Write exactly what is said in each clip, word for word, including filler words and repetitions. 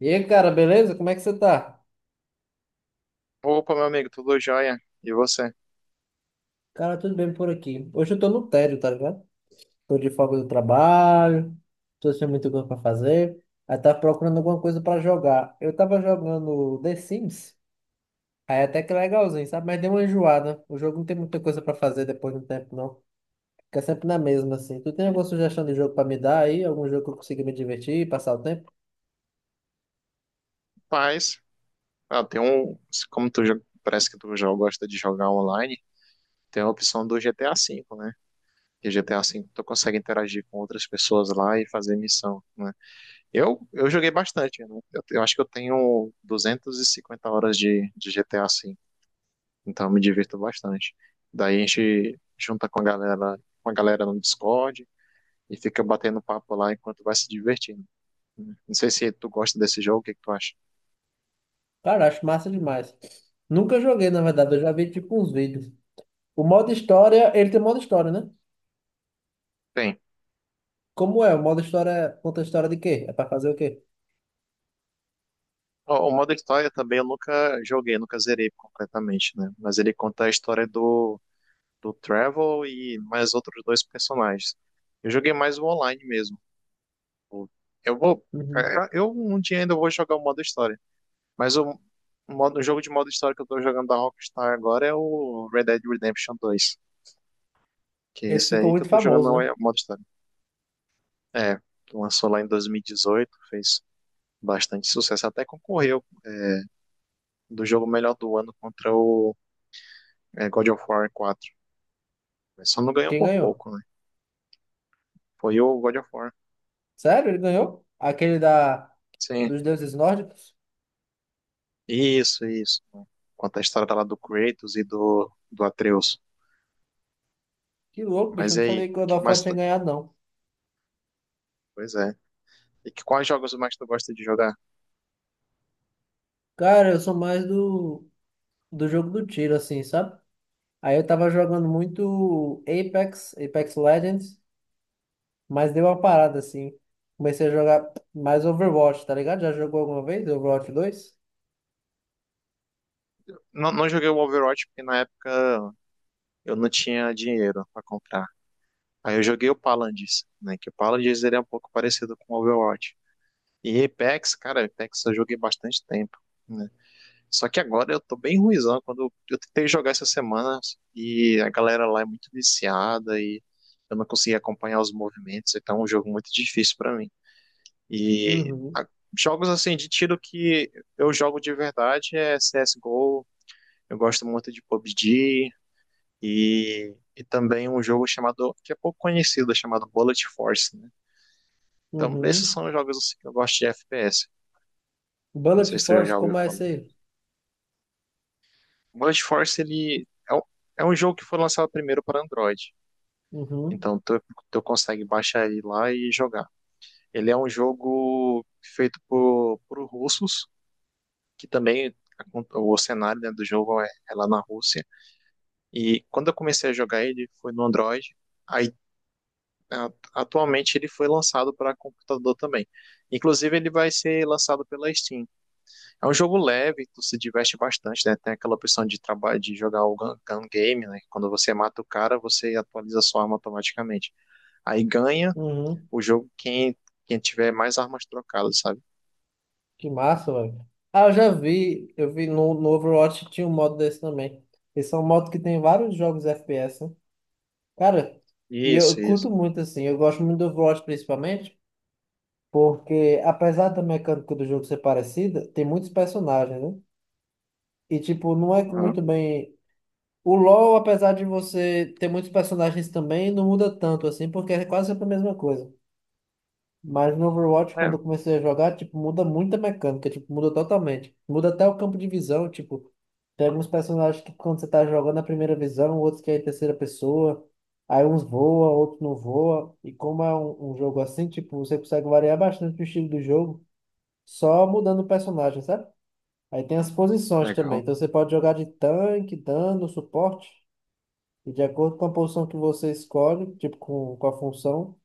E aí, cara, beleza? Como é que você tá? Opa, meu amigo, tudo jóia? E você? Cara, tudo bem por aqui. Hoje eu tô no tédio, tá ligado? Tô de folga do trabalho, tô sem muita coisa pra fazer. Aí tava procurando alguma coisa pra jogar. Eu tava jogando The Sims, aí é até que legalzinho, sabe? Mas deu uma enjoada. O jogo não tem muita coisa pra fazer depois de um tempo, não. Fica sempre na mesma, assim. Tu tem Bem, alguma sugestão de jogo pra me dar aí? Algum jogo que eu consiga me divertir, passar o tempo? paz. Ah, tem um. Como tu jo- parece que tu já gosta de jogar online. Tem a opção do G T A V, né? Que G T A V tu consegue interagir com outras pessoas lá e fazer missão, né? Eu, eu joguei bastante, né? Eu, eu acho que eu tenho duzentas e cinquenta horas de, de G T A V, então eu me divirto bastante. Daí a gente junta com a galera, com a galera no Discord e fica batendo papo lá enquanto vai se divertindo, né? Não sei se tu gosta desse jogo. O que que tu acha? Cara, acho massa demais. Nunca joguei, na verdade. Eu já vi, tipo, uns vídeos. O modo história, ele tem modo história, né? Bem. Como é? O modo história conta a história de quê? É pra fazer o quê? O, o modo história também eu nunca joguei, nunca zerei completamente, né? Mas ele conta a história do, do Trevor e mais outros dois personagens. Eu joguei mais o online mesmo. O- Eu vou. Uhum. é, Eu um dia ainda vou jogar o modo história. Mas o, modo, o jogo de modo história que eu tô jogando da Rockstar agora é o Red Dead Redemption dois. Que é Esse esse ficou aí que eu muito tô jogando famoso, né? o modo história. É, que lançou lá em dois mil e dezoito, fez bastante sucesso. Até concorreu do jogo melhor do ano contra o é, God of War quatro. Mas só não ganhou Quem por ganhou? pouco, né? Foi o God of War. Sério? Ele ganhou? Aquele da Sim, dos deuses nórdicos? isso, isso. Conta a história lá do Kratos e do, do Atreus. Que louco, bicho. Eu Mas e não sabia aí, que o que Godofó mais tinha tu... ganhado, não. Pois é. E que, quais jogos mais tu gosta de jogar? Cara, eu sou mais do, do jogo do tiro, assim, sabe? Aí eu tava jogando muito Apex, Apex Legends, mas deu uma parada, assim. Comecei a jogar mais Overwatch, tá ligado? Já jogou alguma vez Overwatch dois. Não, não joguei o Overwatch porque na época eu não tinha dinheiro pra comprar. Aí eu joguei o Paladins, né? Que o Paladins ele é um pouco parecido com o Overwatch. E Apex, cara, Apex eu joguei bastante tempo, né? Só que agora eu tô bem ruizão. Quando eu tentei jogar essa semana e a galera lá é muito viciada e eu não consegui acompanhar os movimentos, então é um jogo muito difícil pra mim. E Uhum, a- Jogos assim de tiro que eu jogo de verdade é C S G O. Eu gosto muito de pabg e, e também um jogo chamado que é pouco conhecido, chamado Bullet Force, né? Então esses uhum. são os jogos assim, que eu gosto de F P S. Não Bullet sei se tu Force, já ouviu como é falar. esse aí? O Blast Force ele é um, é um jogo que foi lançado primeiro para Android. Uhum. Então tu, tu consegue baixar ele lá e jogar. Ele é um jogo feito por, por russos, que também o cenário, né, do jogo é, é lá na Rússia. E quando eu comecei a jogar ele foi no Android. Aí a- atualmente ele foi lançado para computador também. Inclusive ele vai ser lançado pela Steam. É um jogo leve, tu se diverte bastante, né? Tem aquela opção de trabalho de jogar o gun, gun game, né? Quando você mata o cara, você atualiza sua arma automaticamente. Aí ganha Uhum. o jogo quem quem tiver mais armas trocadas, sabe? Que massa, velho. Ah, eu já vi, eu vi no, no Overwatch tinha um modo desse também. Esse é um modo que tem vários jogos F P S, né? Cara, e eu Isso, curto isso. muito assim, eu gosto muito do Overwatch principalmente, porque apesar da mecânica do jogo ser parecida, tem muitos personagens, né? E tipo, não é Aham. muito bem. O LoL, apesar de você ter muitos personagens também, não muda tanto assim, porque é quase sempre a mesma coisa. Mas no Overwatch, quando É, eu comecei a jogar, tipo, muda muito a mecânica, tipo, muda totalmente. Muda até o campo de visão, tipo, tem alguns personagens que quando você tá jogando a primeira visão, outros que é em terceira pessoa, aí uns voa, outros não voa. E como é um, um jogo assim, tipo, você consegue variar bastante o estilo do jogo, só mudando o personagem, sabe? Aí tem as posições também, legal. então você pode jogar de tanque, dano, suporte, e de acordo com a posição que você escolhe, tipo, com, com a função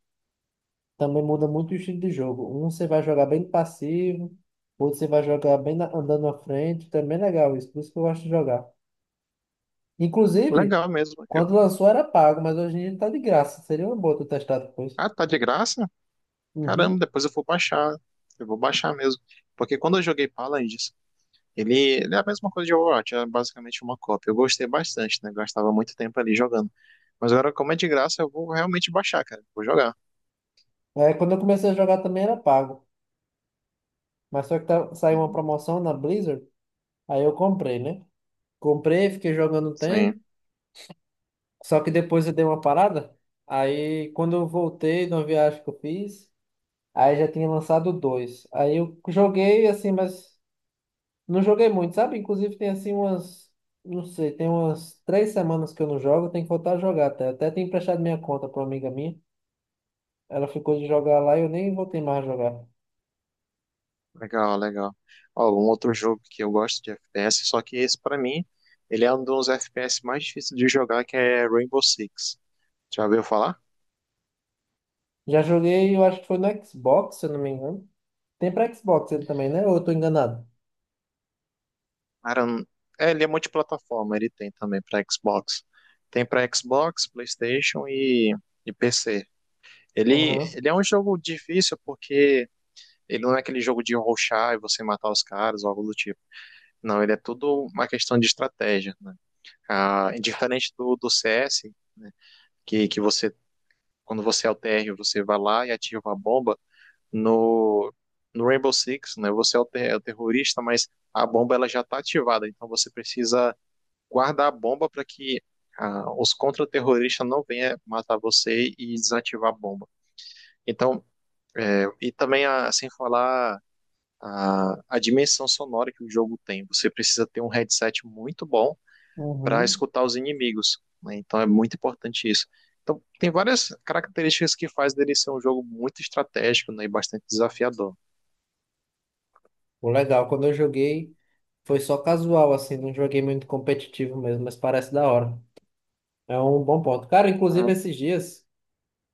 também muda muito o estilo de jogo. Um você vai jogar bem passivo, outro você vai jogar bem na- andando na frente. Também é legal isso, por isso que eu gosto de jogar. Inclusive, Legal mesmo. Eu- quando lançou era pago, mas hoje em dia tá de graça. Seria uma boa tu testar depois. Ah, tá de graça? Caramba, Uhum. depois eu vou baixar. Eu vou baixar mesmo. Porque quando eu joguei Paladins, ele, ele é a mesma coisa de Overwatch, é basicamente uma cópia. Eu gostei bastante, né? Gastava muito tempo ali jogando. Mas agora, como é de graça, eu vou realmente baixar, cara. Vou jogar. É, quando eu comecei a jogar também era pago, mas só que tá- saiu uma Uhum. promoção na Blizzard, aí eu comprei, né? Comprei, fiquei jogando um Sim, tempo, só que depois eu dei uma parada. Aí quando eu voltei de uma viagem que eu fiz, aí já tinha lançado dois. Aí eu joguei assim, mas não joguei muito, sabe? Inclusive tem assim umas, não sei, tem umas três semanas que eu não jogo, tem que voltar a jogar até. Até tenho emprestado minha conta para uma amiga minha. Ela ficou de jogar lá e eu nem voltei mais a jogar. legal, legal. Ó, um outro jogo que eu gosto de F P S, só que esse pra mim, ele é um dos F P S mais difíceis de jogar, que é Rainbow Six. Já ouviu falar? Já joguei, eu acho que foi no Xbox, se eu não me engano. Tem para Xbox ele também, né? Ou eu tô enganado? Cara, eu- é, ele é multiplataforma, ele tem também pra Xbox. Tem pra Xbox, PlayStation e, e P C. Ele, Uhum. ele é um jogo difícil porque ele não é aquele jogo de rushar e você matar os caras ou algo do tipo. Não, ele é tudo uma questão de estratégia, né? Ah, diferente do, do C S, né, que, que você, quando você é o T R, você vai lá e ativa a bomba. No, no Rainbow Six, né, você é o, te- é o terrorista, mas a bomba ela já está ativada, então você precisa guardar a bomba para que ah, os contra-terroristas não venham matar você e desativar a bomba. Então, é, e também, a, sem falar, a, a dimensão sonora que o jogo tem, você precisa ter um headset muito bom para Uhum. escutar os inimigos, né? Então é muito importante isso. Então tem várias características que faz dele ser um jogo muito estratégico, né, e bastante desafiador. Pô, legal, quando eu joguei foi só casual, assim, não joguei muito competitivo mesmo, mas parece da hora. É um bom ponto. Cara, inclusive Ah, esses dias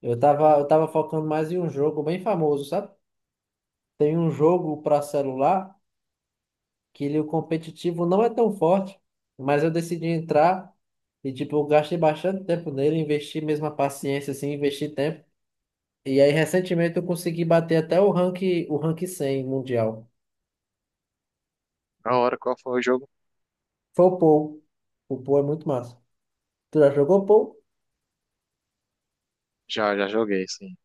eu tava, eu tava focando mais em um jogo bem famoso, sabe? Tem um jogo para celular que ele, o competitivo não é tão forte, mas eu decidi entrar e, tipo, eu gastei bastante tempo nele, investi mesmo a paciência, assim, investi tempo. E aí, recentemente, eu consegui bater até o rank, o rank cem mundial. na hora qual foi o jogo? Foi o Pou. O Pou é muito massa. Tu já jogou Pou? Já, já joguei, sim.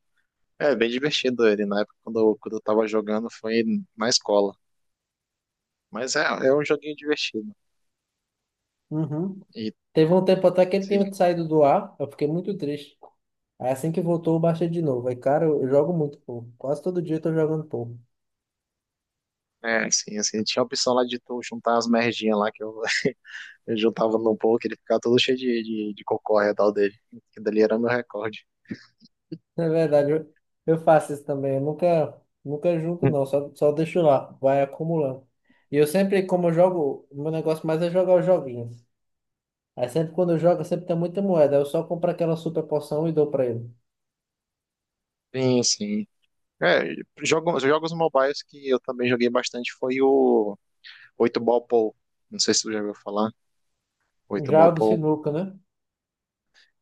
É bem divertido ele. Na época quando eu, quando eu tava jogando foi na escola. Mas é, é um joguinho divertido. Uhum. E Teve um tempo até que ele sim, tinha saído do ar, eu fiquei muito triste. Aí, assim que voltou, eu baixei de novo. Aí, cara, eu eu jogo muito Pou. Quase todo dia eu tô jogando Pou. é, sim, assim, tinha a opção lá de tu juntar as merdinhas lá que eu, eu juntava no pouco, ele ficava todo cheio de, de, de cocô ao redor dele. Que dali era meu recorde. Na verdade, eu, eu faço isso também. Eu nunca, nunca junto, não. Só, só deixo lá. Vai acumulando. E eu sempre, como eu jogo, o meu negócio mais é jogar os joguinhos. Aí sempre quando eu jogo, sempre tem muita moeda. Eu só compro aquela super poção e dou pra ele. Sim, sim. É, jogos, jogos mobiles que eu também joguei bastante foi o oito Ball Pool. Não sei se tu já ouviu falar, oito Já Ball o do Pool. sinuca, né?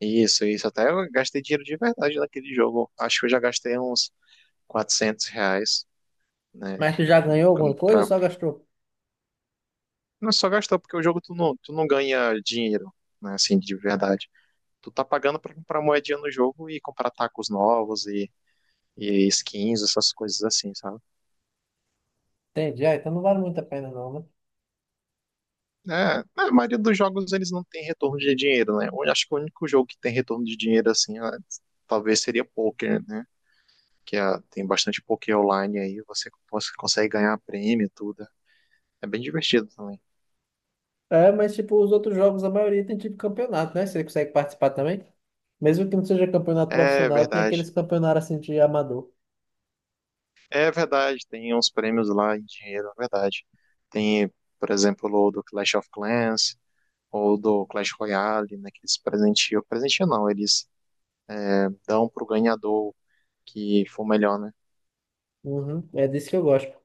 Isso, isso. Até eu gastei dinheiro de verdade naquele jogo. Acho que eu já gastei uns quatrocentos reais, né? Mas tu já ganhou alguma quando- coisa ou Pra... só gastou? Não só gastou, porque o jogo tu não, tu não ganha dinheiro, né? Assim, de verdade. Tu tá pagando pra comprar moedinha no jogo e comprar tacos novos e, e skins, essas coisas assim, sabe? Entendi. Ah, então não vale muito a pena, não, né? É, a maioria dos jogos eles não tem retorno de dinheiro, né? Eu acho que o único jogo que tem retorno de dinheiro assim, é, talvez seria poker, né? Que é- tem bastante poker online aí, você, você consegue ganhar prêmio e tudo. É bem divertido também. É, mas tipo, os outros jogos, a maioria tem tipo campeonato, né? Você consegue participar também? Mesmo que não seja campeonato É profissional, tem verdade. aqueles campeonatos assim de amador. É verdade, tem uns prêmios lá em dinheiro, é verdade. Tem, por exemplo, o do Clash of Clans ou do Clash Royale, né? Que eles presenteiam. Presenteiam não, eles dão pro ganhador que for melhor, né? Uhum. É disso que eu gosto.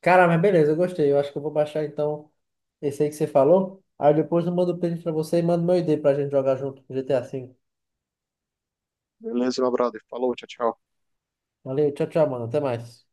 Cara, mas beleza, eu gostei. Eu acho que eu vou baixar então esse aí que você falou. Aí depois eu mando o print pra você e mando meu I D pra gente jogar junto com G T A cinco. Beleza, meu brother. Falou, tchau, tchau. Valeu, tchau, tchau, mano. Até mais.